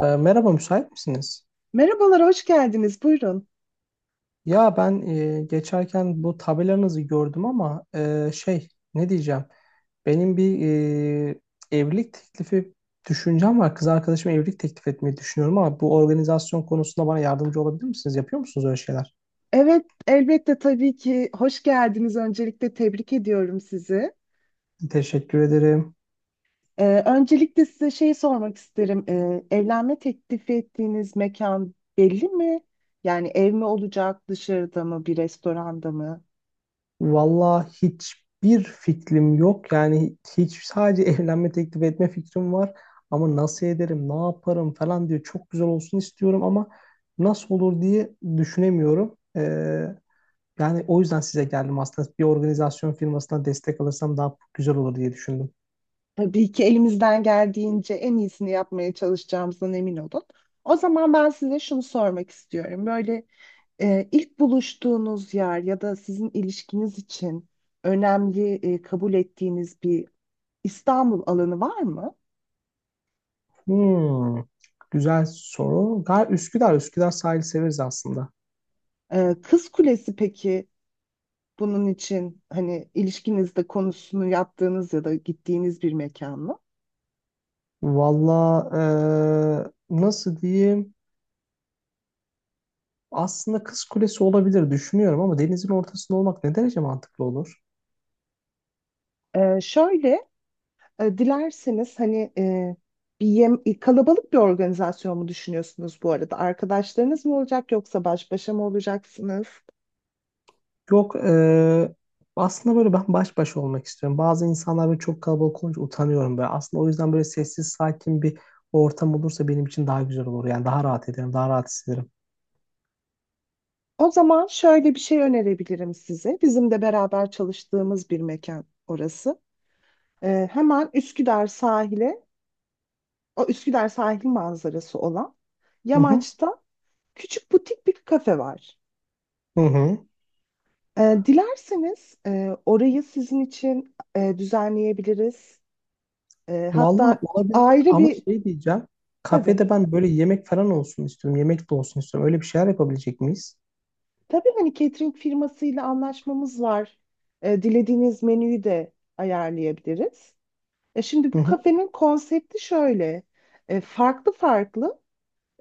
Merhaba, müsait misiniz? Merhabalar, hoş geldiniz. Buyurun. Ya ben geçerken bu tabelanızı gördüm ama şey ne diyeceğim? Benim bir e, evlilik teklifi düşüncem var. Kız arkadaşıma evlilik teklif etmeyi düşünüyorum ama bu organizasyon konusunda bana yardımcı olabilir misiniz? Yapıyor musunuz öyle şeyler? Evet, elbette tabii ki hoş geldiniz. Öncelikle tebrik ediyorum sizi. Teşekkür ederim. Öncelikle size şey sormak isterim. Evlenme teklifi ettiğiniz mekan belli mi? Yani ev mi olacak, dışarıda mı, bir restoranda mı? Valla hiçbir fikrim yok. Yani hiç sadece evlenme teklif etme fikrim var. Ama nasıl ederim, ne yaparım falan diye çok güzel olsun istiyorum ama nasıl olur diye düşünemiyorum. Yani o yüzden size geldim aslında. Bir organizasyon firmasına destek alırsam daha güzel olur diye düşündüm. Tabii ki elimizden geldiğince en iyisini yapmaya çalışacağımızdan emin olun. O zaman ben size şunu sormak istiyorum. Böyle, ilk buluştuğunuz yer ya da sizin ilişkiniz için önemli, kabul ettiğiniz bir İstanbul alanı var mı? Hmm, Güzel soru. Üsküdar sahil severiz aslında. Kız Kulesi peki, bunun için hani ilişkinizde konusunu yaptığınız ya da gittiğiniz bir mekan mı? Valla nasıl diyeyim? Aslında Kız Kulesi olabilir düşünüyorum ama denizin ortasında olmak ne derece mantıklı olur? Ee, şöyle Dilerseniz hani, kalabalık bir organizasyon mu düşünüyorsunuz bu arada? Arkadaşlarınız mı olacak yoksa baş başa mı olacaksınız? Yok, aslında böyle ben baş başa olmak istiyorum. Bazı insanlar böyle çok kalabalık olunca utanıyorum böyle. Aslında o yüzden böyle sessiz sakin bir ortam olursa benim için daha güzel olur. Yani daha rahat ederim, daha rahat hissederim. O zaman şöyle bir şey önerebilirim size. Bizim de beraber çalıştığımız bir mekan orası. Hemen Üsküdar sahile, o Üsküdar sahil manzarası olan Hı hı. yamaçta küçük butik bir kafe var. Hı hı. Dilerseniz orayı sizin için düzenleyebiliriz. E, Valla hatta olabilir ayrı ama bir şey diyeceğim. Tabii. Kafede ben böyle yemek falan olsun istiyorum. Yemek de olsun istiyorum. Öyle bir şeyler yapabilecek miyiz? Tabii hani, catering firmasıyla anlaşmamız var. Dilediğiniz menüyü de ayarlayabiliriz. Şimdi Hı bu hı. kafenin konsepti şöyle. Farklı farklı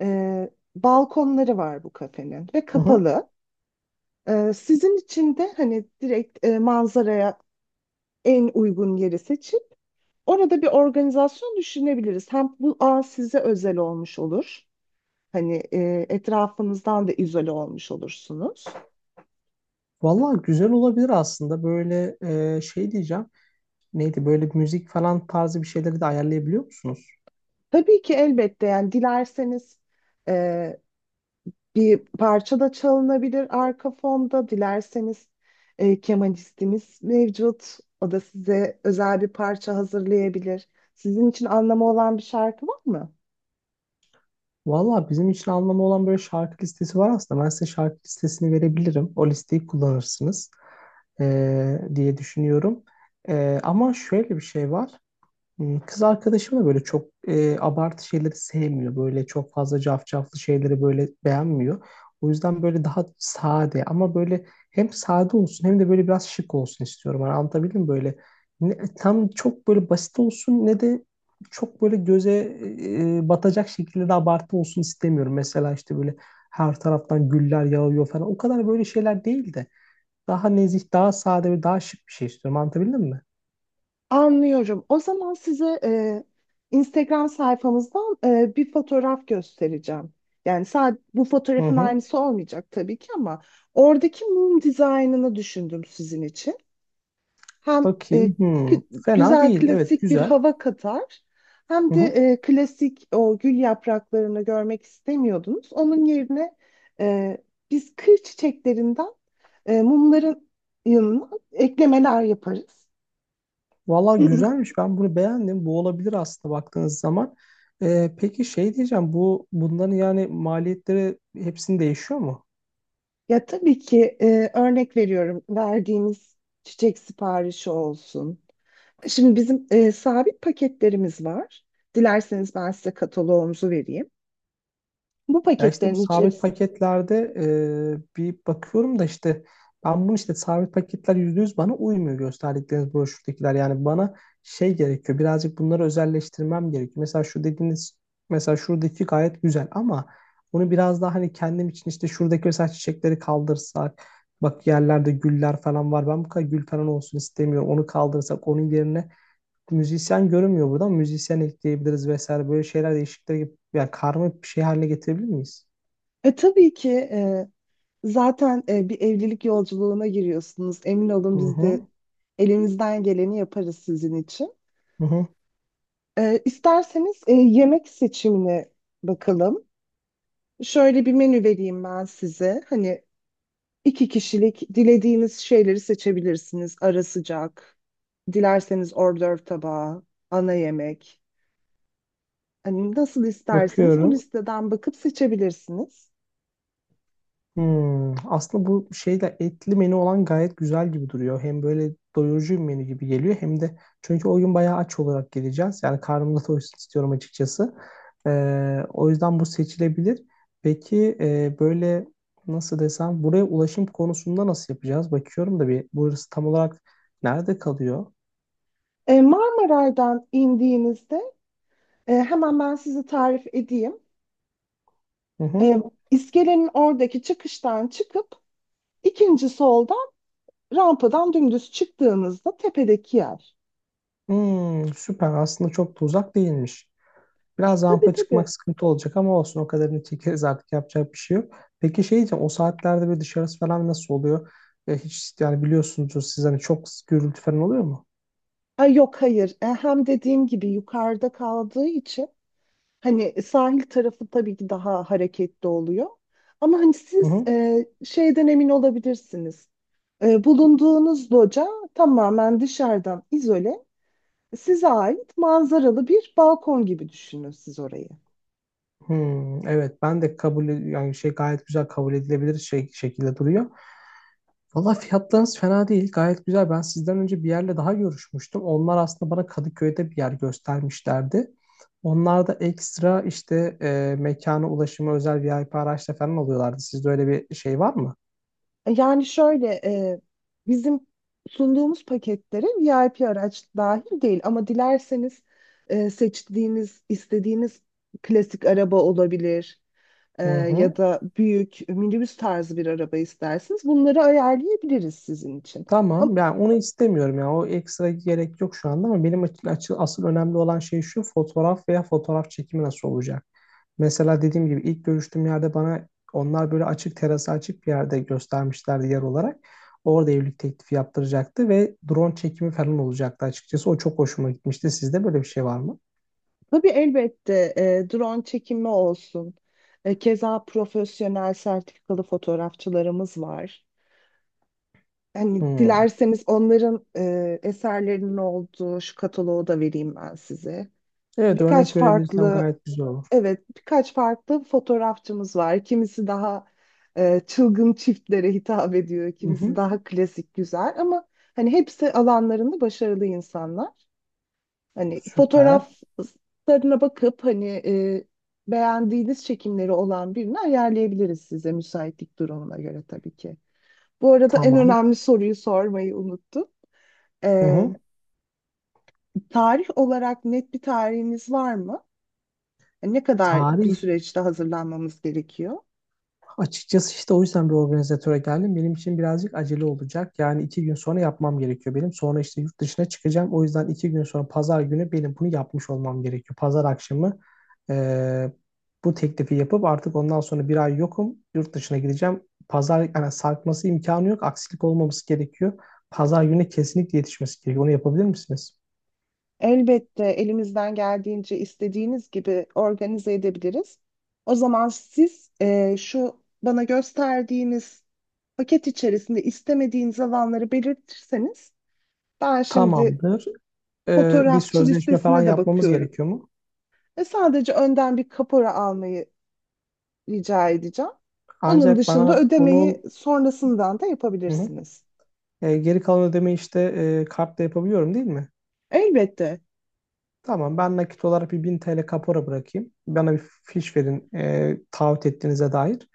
e, balkonları var bu kafenin ve Hı hı. kapalı. Sizin için de hani direkt, manzaraya en uygun yeri seçip orada bir organizasyon düşünebiliriz. Hem bu an size özel olmuş olur. Hani, etrafınızdan da izole olmuş olursunuz. Valla güzel olabilir aslında. Böyle şey diyeceğim. Neydi böyle müzik falan tarzı bir şeyleri de ayarlayabiliyor musunuz? Tabii ki, elbette. Yani dilerseniz e, bir parça da çalınabilir arka fonda, dilerseniz kemanistimiz mevcut. O da size özel bir parça hazırlayabilir. Sizin için anlamı olan bir şarkı var mı? Valla bizim için anlamı olan böyle şarkı listesi var aslında. Ben size şarkı listesini verebilirim. O listeyi kullanırsınız diye düşünüyorum. Ama şöyle bir şey var. Kız arkadaşım da böyle çok abartı şeyleri sevmiyor. Böyle çok fazla cafcaflı şeyleri böyle beğenmiyor. O yüzden böyle daha sade ama böyle hem sade olsun hem de böyle biraz şık olsun istiyorum. Hani anlatabildim mi? Böyle ne tam çok böyle basit olsun ne de çok böyle göze batacak şekilde de abartı olsun istemiyorum. Mesela işte böyle her taraftan güller yağıyor falan. O kadar böyle şeyler değil de daha nezih, daha sade ve daha şık bir şey istiyorum. Anlatabildim mi? Anlıyorum. O zaman size Instagram sayfamızdan bir fotoğraf göstereceğim. Yani sadece bu Hı fotoğrafın hı. aynısı olmayacak tabii ki, ama oradaki mum dizaynını düşündüm sizin için. Hem e, Bakayım. k- Fena güzel değil. Evet, klasik bir güzel. hava katar, hem Hı de hı. Klasik o gül yapraklarını görmek istemiyordunuz. Onun yerine e, biz kır çiçeklerinden mumların yanına eklemeler yaparız. Valla güzelmiş. Ben bunu beğendim. Bu olabilir aslında baktığınız zaman. Peki şey diyeceğim. Bunların yani maliyetleri hepsini değişiyor mu? Ya tabii ki, örnek veriyorum, verdiğimiz çiçek siparişi olsun. Şimdi bizim sabit paketlerimiz var. Dilerseniz ben size kataloğumuzu vereyim. Bu Ya işte bu paketlerin sabit içerisinde, paketlerde bir bakıyorum da işte ben bunu işte sabit paketler %100 bana uymuyor, gösterdikleriniz broşürdekiler. Yani bana şey gerekiyor, birazcık bunları özelleştirmem gerekiyor. Mesela şu dediğiniz, mesela şuradaki gayet güzel ama bunu biraz daha hani kendim için, işte şuradaki mesela çiçekleri kaldırsak, bak yerlerde güller falan var, ben bu kadar gül falan olsun istemiyorum, onu kaldırsak, onun yerine müzisyen görünmüyor burada ama müzisyen ekleyebiliriz vesaire, böyle şeyler değişiklikler gibi, yani karma bir şey haline getirebilir miyiz? Tabii ki, zaten bir evlilik yolculuğuna giriyorsunuz. Emin Hı olun, biz de hı, elimizden geleni yaparız sizin için. hı hı. İsterseniz yemek seçimine bakalım. Şöyle bir menü vereyim ben size. Hani iki kişilik dilediğiniz şeyleri seçebilirsiniz. Ara sıcak, dilerseniz hors d'oeuvre tabağı, ana yemek. Hani nasıl isterseniz bu Bakıyorum. listeden bakıp seçebilirsiniz. Aslında bu şeyde etli menü olan gayet güzel gibi duruyor. Hem böyle doyurucu bir menü gibi geliyor hem de çünkü o gün bayağı aç olarak geleceğiz. Yani karnım da doysun istiyorum açıkçası. O yüzden bu seçilebilir. Peki böyle nasıl desem, buraya ulaşım konusunda nasıl yapacağız? Bakıyorum da bir burası tam olarak nerede kalıyor? Marmaray'dan indiğinizde, hemen ben size tarif edeyim. Hı E, hı. iskelenin oradaki çıkıştan çıkıp ikinci soldan rampadan dümdüz çıktığınızda, tepedeki yer. Süper, aslında çok da uzak değilmiş. Biraz Tabii, rampa çıkmak tabii. sıkıntı olacak ama olsun, o kadarını çekeriz artık, yapacak bir şey yok. Peki şey diyeceğim, o saatlerde böyle dışarısı falan nasıl oluyor? Hiç yani biliyorsunuzdur siz, hani çok gürültü falan oluyor mu? Ay, yok, hayır. Hem dediğim gibi yukarıda kaldığı için, hani sahil tarafı tabii ki daha hareketli oluyor. Ama hani Hı siz hı. Şeyden emin olabilirsiniz. Bulunduğunuz loca tamamen dışarıdan izole, size ait manzaralı bir balkon gibi düşünün siz orayı. Hmm, evet, ben de yani şey gayet güzel, kabul edilebilir şey şekilde duruyor. Valla fiyatlarınız fena değil, gayet güzel. Ben sizden önce bir yerle daha görüşmüştüm. Onlar aslında bana Kadıköy'de bir yer göstermişlerdi. Onlar da ekstra işte mekana ulaşımı özel VIP araçla falan alıyorlardı. Sizde öyle bir şey var mı? Yani şöyle, bizim sunduğumuz paketlere VIP araç dahil değil, ama dilerseniz, seçtiğiniz, istediğiniz klasik araba olabilir, e, Hı ya hı. da büyük minibüs tarzı bir araba isterseniz bunları ayarlayabiliriz sizin için. Ama Tamam. Yani onu istemiyorum. Ya, o ekstra gerek yok şu anda ama benim asıl önemli olan şey şu fotoğraf veya fotoğraf çekimi nasıl olacak? Mesela dediğim gibi ilk görüştüğüm yerde bana onlar böyle açık terası, açık bir yerde göstermişlerdi yer olarak. Orada evlilik teklifi yaptıracaktı ve drone çekimi falan olacaktı açıkçası. O çok hoşuma gitmişti. Sizde böyle bir şey var mı? tabii, elbette drone çekimi olsun. Keza profesyonel sertifikalı fotoğrafçılarımız var. Hani Hı. dilerseniz onların eserlerinin olduğu şu kataloğu da vereyim ben size. Evet, örnek Birkaç verebilirsem farklı, gayet güzel olur. evet, birkaç farklı fotoğrafçımız var. Kimisi daha çılgın çiftlere hitap ediyor, Hı kimisi hı. daha klasik güzel, ama hani hepsi alanlarında başarılı insanlar. Hani Süper. fotoğraflarına bakıp hani beğendiğiniz çekimleri olan birini ayarlayabiliriz size, müsaitlik durumuna göre tabii ki. Bu arada en Tamam. önemli soruyu sormayı unuttum. Hı Ee, hı. tarih olarak net bir tarihiniz var mı? Ne kadar bir Tarih süreçte hazırlanmamız gerekiyor? Açıkçası işte o yüzden bir organizatöre geldim. Benim için birazcık acele olacak. Yani 2 gün sonra yapmam gerekiyor benim. Sonra işte yurt dışına çıkacağım. O yüzden 2 gün sonra pazar günü benim bunu yapmış olmam gerekiyor. Pazar akşamı eee, bu teklifi yapıp artık ondan sonra bir ay yokum. Yurt dışına gideceğim. Pazar, yani sarkması imkanı yok. Aksilik olmaması gerekiyor. Pazar günü kesinlikle yetişmesi gerekiyor. Onu yapabilir misiniz? Elbette, elimizden geldiğince istediğiniz gibi organize edebiliriz. O zaman siz şu bana gösterdiğiniz paket içerisinde istemediğiniz alanları belirtirseniz, ben şimdi Tamamdır. Bir fotoğrafçı sözleşme falan listesine de yapmamız bakıyorum gerekiyor mu? ve sadece önden bir kapora almayı rica edeceğim. Onun Ancak dışında bana ödemeyi bunun. sonrasından da Hı hı. yapabilirsiniz. Geri kalan ödemeyi işte kartla yapabiliyorum değil mi? Elbette. Tamam, ben nakit olarak bir 1000 TL kapora bırakayım. Bana bir fiş verin, taahhüt ettiğinize dair.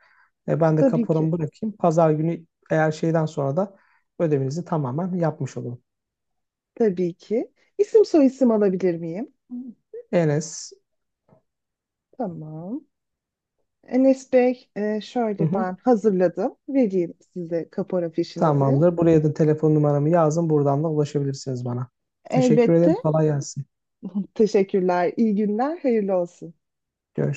Ben de Tabii kaporamı ki. bırakayım. Pazar günü eğer şeyden sonra da ödemenizi tamamen yapmış olun. Tabii ki. İsim soyisim alabilir miyim? Enes. Tamam. Enes Bey, Hı şöyle ben hı. hazırladım. Vereyim size kapora fişinizi. Tamamdır. Buraya da telefon numaramı yazın. Buradan da ulaşabilirsiniz bana. Teşekkür Elbette. ederim. Kolay gelsin. Teşekkürler. İyi günler. Hayırlı olsun. Görüşürüz.